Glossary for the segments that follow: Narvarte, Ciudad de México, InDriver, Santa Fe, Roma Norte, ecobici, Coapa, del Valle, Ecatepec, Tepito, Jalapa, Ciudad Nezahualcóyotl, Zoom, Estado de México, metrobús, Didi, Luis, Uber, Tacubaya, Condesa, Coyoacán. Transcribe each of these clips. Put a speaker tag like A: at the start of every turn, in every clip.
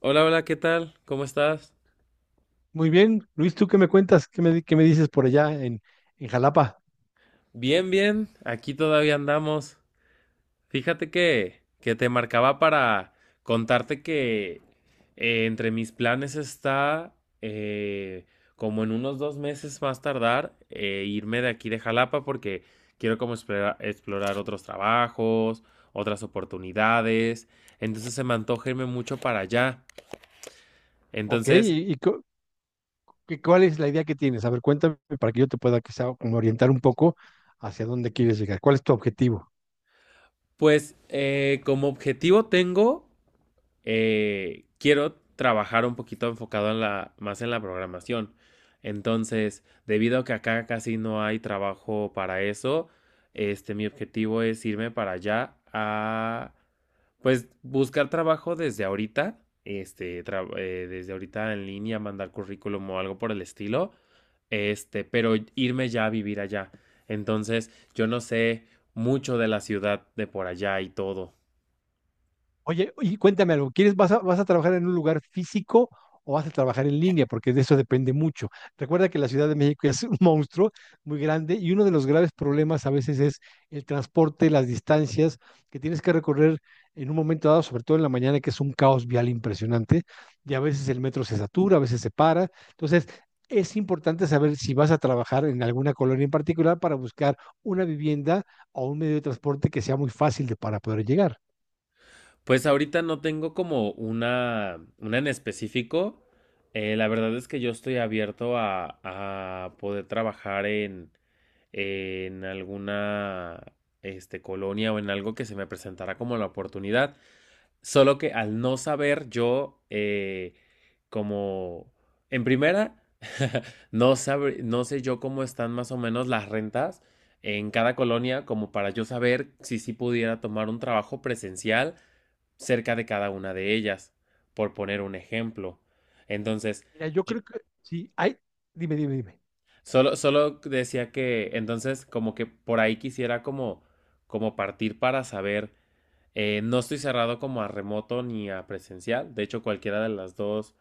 A: Hola, hola, ¿qué tal? ¿Cómo estás?
B: Muy bien, Luis, ¿tú qué me cuentas? ¿Qué me dices por allá en Jalapa?
A: Bien, bien, aquí todavía andamos. Fíjate que te marcaba para contarte que entre mis planes está, eh, como en unos 2 meses más tardar, irme de aquí de Jalapa porque quiero como explorar otros trabajos, otras oportunidades. Entonces se me antoja irme mucho para allá.
B: Ok,
A: Entonces,
B: ¿y, y cuál es la idea que tienes? A ver, cuéntame para que yo te pueda quizá como orientar un poco hacia dónde quieres llegar. ¿Cuál es tu objetivo?
A: pues como objetivo tengo. Quiero trabajar un poquito enfocado más en la programación. Entonces, debido a que acá casi no hay trabajo para eso, este, mi objetivo es irme para allá a, pues, buscar trabajo desde ahorita, este, desde ahorita en línea, mandar currículum o algo por el estilo, este, pero irme ya a vivir allá. Entonces, yo no sé mucho de la ciudad de por allá y todo.
B: Oye, y cuéntame algo, ¿quieres, vas a trabajar en un lugar físico o vas a trabajar en línea? Porque de eso depende mucho. Recuerda que la Ciudad de México es un monstruo muy grande y uno de los graves problemas a veces es el transporte, las distancias que tienes que recorrer en un momento dado, sobre todo en la mañana, que es un caos vial impresionante, y a veces el metro se satura, a veces se para. Entonces, es importante saber si vas a trabajar en alguna colonia en particular para buscar una vivienda o un medio de transporte que sea muy fácil de, para poder llegar.
A: Pues ahorita no tengo como una en específico. La verdad es que yo estoy abierto a poder trabajar en alguna este, colonia o en algo que se me presentara como la oportunidad. Solo que al no saber yo, como en primera, no sé yo cómo están más o menos las rentas en cada colonia como para yo saber si sí pudiera tomar un trabajo presencial cerca de cada una de ellas, por poner un ejemplo. Entonces,
B: Mira, yo
A: yo-
B: creo que sí, dime, dime, dime.
A: solo decía que, entonces, como que por ahí quisiera como partir para saber, no estoy cerrado como a remoto ni a presencial, de hecho cualquiera de las dos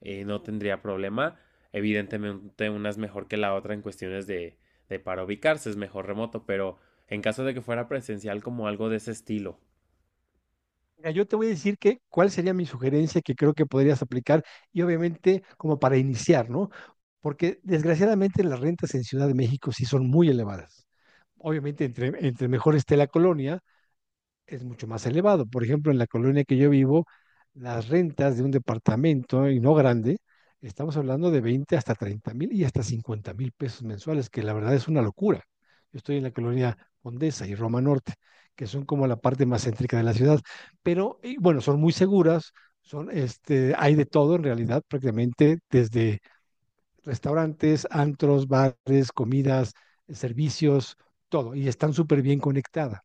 A: no tendría problema, evidentemente una es mejor que la otra en cuestiones de para ubicarse, es mejor remoto, pero en caso de que fuera presencial como algo de ese estilo.
B: Mira, yo te voy a decir que cuál sería mi sugerencia que creo que podrías aplicar y obviamente como para iniciar, ¿no? Porque desgraciadamente las rentas en Ciudad de México sí son muy elevadas. Obviamente entre mejor esté la colonia, es mucho más elevado. Por ejemplo, en la colonia que yo vivo, las rentas de un departamento, y no grande, estamos hablando de 20 hasta 30 mil y hasta 50 mil pesos mensuales, que la verdad es una locura. Yo estoy en la colonia Condesa y Roma Norte, que son como la parte más céntrica de la ciudad, pero y bueno, son muy seguras, son este, hay de todo en realidad, prácticamente desde restaurantes, antros, bares, comidas, servicios, todo, y están súper bien conectadas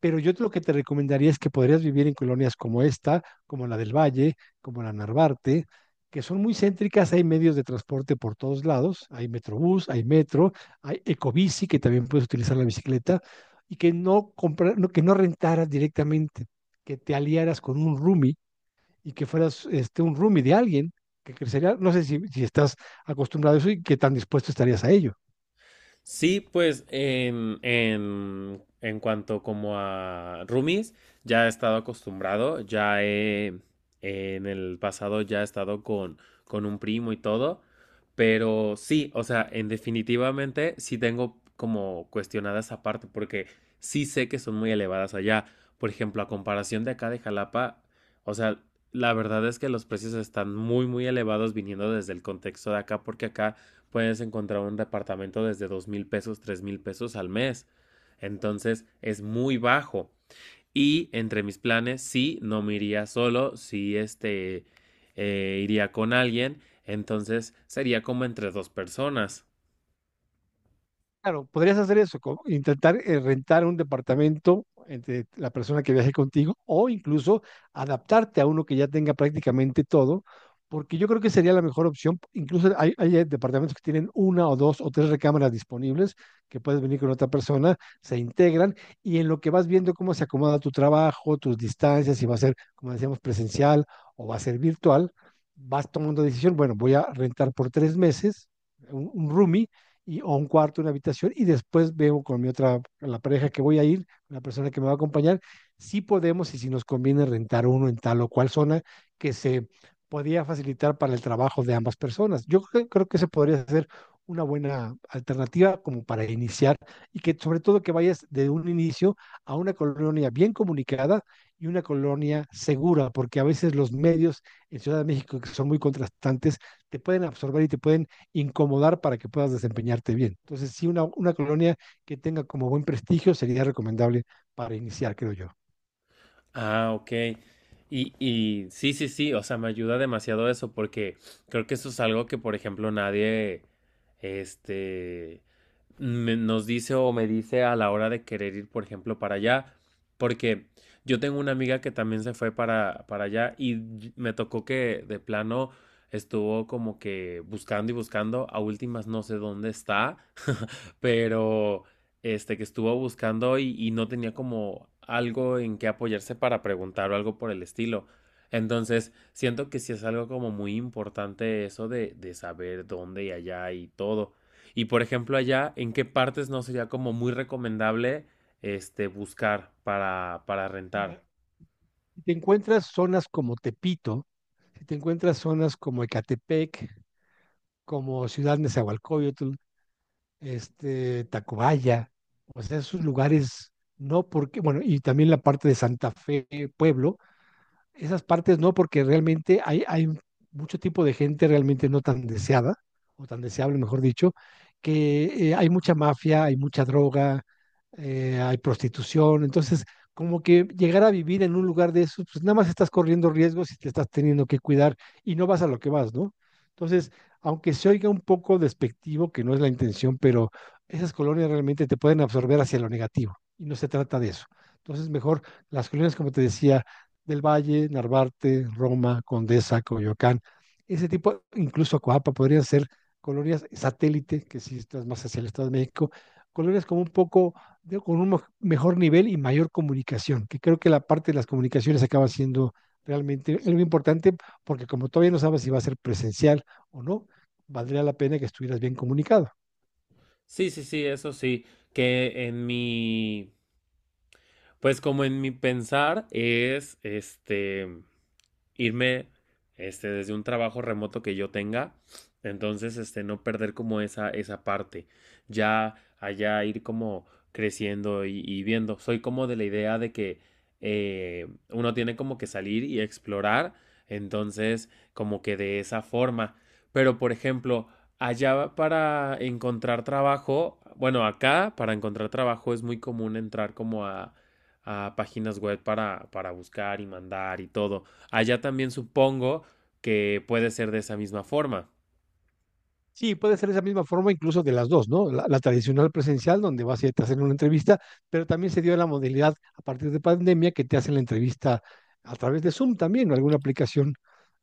B: pero yo lo que te recomendaría es que podrías vivir en colonias como esta, como la del Valle, como la Narvarte, que son muy céntricas, hay medios de transporte por todos lados, hay metrobús, hay metro, hay ecobici, que también puedes utilizar la bicicleta, y que no, comprar, no- que no rentaras directamente, que te aliaras con un roomie y que fueras este, un roomie de alguien que crecería, no sé si, si estás acostumbrado a eso y qué tan dispuesto estarías a ello.
A: Sí, pues en cuanto como a roomies, ya he estado acostumbrado, en el pasado ya he estado con un primo y todo, pero sí, o sea, en definitivamente sí tengo como cuestionada esa parte, porque sí sé que son muy elevadas allá. Por ejemplo, a comparación de acá de Jalapa, o sea, la verdad es que los precios están muy, muy elevados viniendo desde el contexto de acá, porque acá puedes encontrar un departamento desde $2,000, $3,000 al mes. Entonces es muy bajo. Y entre mis planes, sí, no me iría solo, sí, este, iría con alguien. Entonces sería como entre dos personas.
B: Claro, podrías hacer eso, intentar rentar un departamento entre la persona que viaje contigo o incluso adaptarte a uno que ya tenga prácticamente todo, porque yo creo que sería la mejor opción. Incluso hay departamentos que tienen una o dos o tres recámaras disponibles que puedes venir con otra persona, se integran y en lo que vas viendo cómo se acomoda tu trabajo, tus distancias, si va a ser, como decíamos, presencial o va a ser virtual, vas tomando decisión, bueno, voy a rentar por 3 meses un roomie y, o un cuarto, una habitación, y después veo con mi otra, la pareja que voy a ir, la persona que me va a acompañar, si podemos y si nos conviene rentar uno en tal o cual zona que se podía facilitar para el trabajo de ambas personas. Yo creo, creo que se podría hacer una buena alternativa como para iniciar y que sobre todo que vayas de un inicio a una colonia bien comunicada y una colonia segura, porque a veces los medios en Ciudad de México, que son muy contrastantes, te pueden absorber y te pueden incomodar para que puedas desempeñarte bien. Entonces, sí, una colonia que tenga como buen prestigio sería recomendable para iniciar, creo yo.
A: Ah, ok. Y sí, sí, sí, o sea, me ayuda demasiado eso porque creo que eso es algo que, por ejemplo, nadie, este, nos dice o me dice a la hora de querer ir, por ejemplo, para allá, porque yo tengo una amiga que también se fue para allá y me tocó que de plano estuvo como que buscando y buscando, a últimas no sé dónde está, pero este que estuvo buscando y no tenía como algo en qué apoyarse para preguntar o algo por el estilo. Entonces, siento que sí es algo como muy importante eso de saber dónde y allá y todo. Y por ejemplo, allá, ¿en qué partes no sería como muy recomendable este buscar para
B: Ya.
A: rentar?
B: Si te encuentras zonas como Tepito, si te encuentras zonas como Ecatepec, como Ciudad Nezahualcóyotl, este, Tacubaya, o sea, esos lugares, no porque, bueno, y también la parte de Santa Fe, Pueblo, esas partes no, porque realmente hay mucho tipo de gente realmente no tan deseada, o tan deseable, mejor dicho, que hay mucha mafia, hay mucha droga, hay prostitución, entonces como que llegar a vivir en un lugar de eso, pues nada más estás corriendo riesgos y te estás teniendo que cuidar y no vas a lo que vas, ¿no? Entonces, aunque se oiga un poco despectivo, que no es la intención, pero esas colonias realmente te pueden absorber hacia lo negativo y no se trata de eso. Entonces, mejor las colonias, como te decía, del Valle, Narvarte, Roma, Condesa, Coyoacán. Ese tipo, incluso Coapa, podrían ser colonias satélite, que si estás más hacia el Estado de México, colonias como un poco, de, con un mejor nivel y mayor comunicación, que creo que la parte de las comunicaciones acaba siendo realmente algo importante, porque como todavía no sabes si va a ser presencial o no, valdría la pena que estuvieras bien comunicado.
A: Sí, sí, sí, eso sí. Que pues como en mi pensar es este irme este, desde un trabajo remoto que yo tenga. Entonces, este, no perder como esa parte. Ya allá ir como creciendo y viendo. Soy como de la idea de que uno tiene como que salir y explorar. Entonces, como que de esa forma. Pero, por ejemplo, allá para encontrar trabajo, bueno, acá para encontrar trabajo es muy común entrar como a páginas web para buscar y mandar y todo. Allá también supongo que puede ser de esa misma forma.
B: Sí, puede ser esa misma forma incluso de las dos, ¿no? La tradicional presencial, donde vas y te hacen una entrevista, pero también se dio la modalidad a partir de pandemia que te hacen la entrevista a través de Zoom también, o alguna aplicación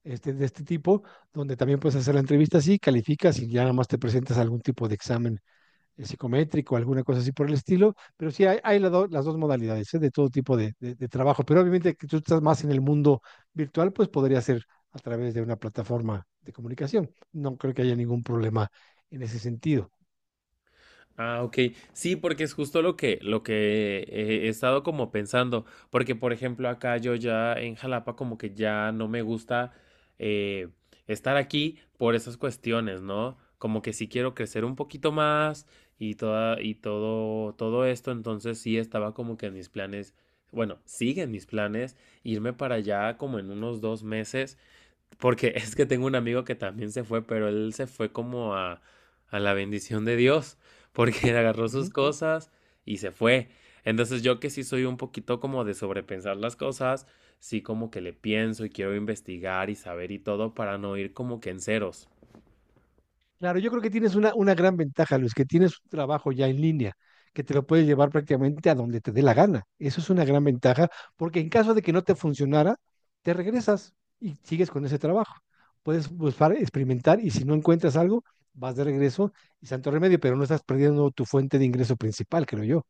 B: este, de este tipo, donde también puedes hacer la entrevista así, calificas y ya nada más te presentas a algún tipo de examen psicométrico, alguna cosa así por el estilo, pero sí hay las dos modalidades ¿eh? De todo tipo de, trabajo, pero obviamente que tú estás más en el mundo virtual, pues podría ser a través de una plataforma de comunicación. No creo que haya ningún problema en ese sentido.
A: Ah, ok. Sí, porque es justo lo que, he estado como pensando. Porque, por ejemplo, acá yo ya en Jalapa como que ya no me gusta eh, estar aquí por esas cuestiones, ¿no? Como que sí quiero crecer un poquito más y y todo, todo esto. Entonces sí estaba como que en mis planes, bueno, siguen mis planes irme para allá como en unos 2 meses. Porque es que tengo un amigo que también se fue, pero él se fue como a la bendición de Dios, porque él agarró
B: Uh
A: sus
B: -huh.
A: cosas y se fue. Entonces yo que sí soy un poquito como de sobrepensar las cosas, sí como que le pienso y quiero investigar y saber y todo para no ir como que en ceros.
B: Claro, yo creo que tienes una gran ventaja, Luis, que tienes un trabajo ya en línea, que te lo puedes llevar prácticamente a donde te dé la gana. Eso es una gran ventaja, porque en caso de que no te funcionara, te regresas y sigues con ese trabajo. Puedes buscar, experimentar y si no encuentras algo, vas de regreso y santo remedio, pero no estás perdiendo tu fuente de ingreso principal, creo yo.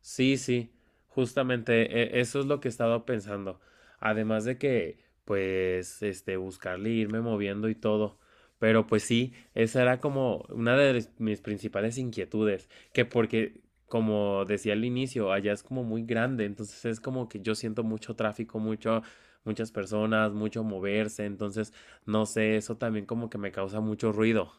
A: Sí, sí, justamente eso es lo que he estado pensando. Además de que, pues, este, buscarle, e irme moviendo y todo. Pero pues sí, esa era como una de mis principales inquietudes, que porque, como decía al inicio, allá es como muy grande, entonces es como que yo siento mucho tráfico, mucho, muchas personas, mucho moverse, entonces, no sé, eso también como que me causa mucho ruido.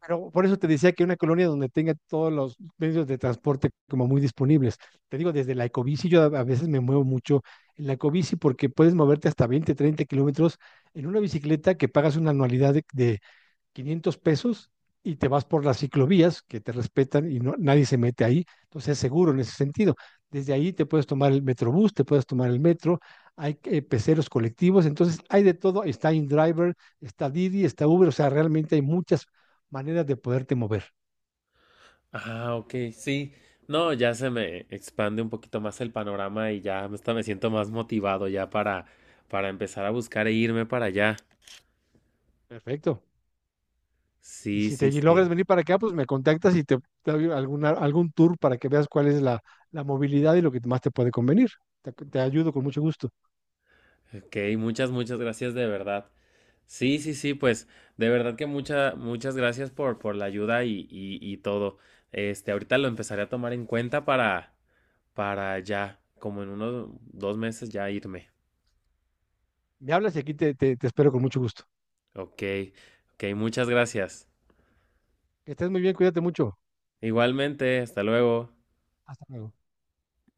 B: Pero por eso te decía que una colonia donde tenga todos los medios de transporte como muy disponibles. Te digo, desde la ecobici, yo a veces me muevo mucho en la ecobici porque puedes moverte hasta 20, 30 kilómetros en una bicicleta que pagas una anualidad de 500 pesos y te vas por las ciclovías que te respetan y no, nadie se mete ahí, entonces es seguro en ese sentido. Desde ahí te puedes tomar el metrobús, te puedes tomar el metro, hay peceros colectivos, entonces hay de todo, está InDriver, está Didi, está Uber, o sea, realmente hay muchas maneras de poderte mover.
A: Ah, ok, sí. No, ya se me expande un poquito más el panorama y ya hasta me siento más motivado ya para, empezar a buscar e irme para allá.
B: Perfecto. Y
A: Sí,
B: si
A: sí,
B: te
A: sí.
B: logras venir para acá, pues me contactas y te doy alguna, algún tour para que veas cuál es la, la movilidad y lo que más te puede convenir. Te ayudo con mucho gusto.
A: Ok, muchas, muchas gracias de verdad. Sí, sí, sí, pues de verdad que muchas, muchas gracias por la ayuda y todo. Este, ahorita lo empezaré a tomar en cuenta para, ya, como en unos 2 meses ya irme.
B: Me hablas y aquí te espero con mucho gusto.
A: Ok, ok, muchas gracias.
B: Que estés muy bien, cuídate mucho.
A: Igualmente, hasta luego.
B: Hasta luego.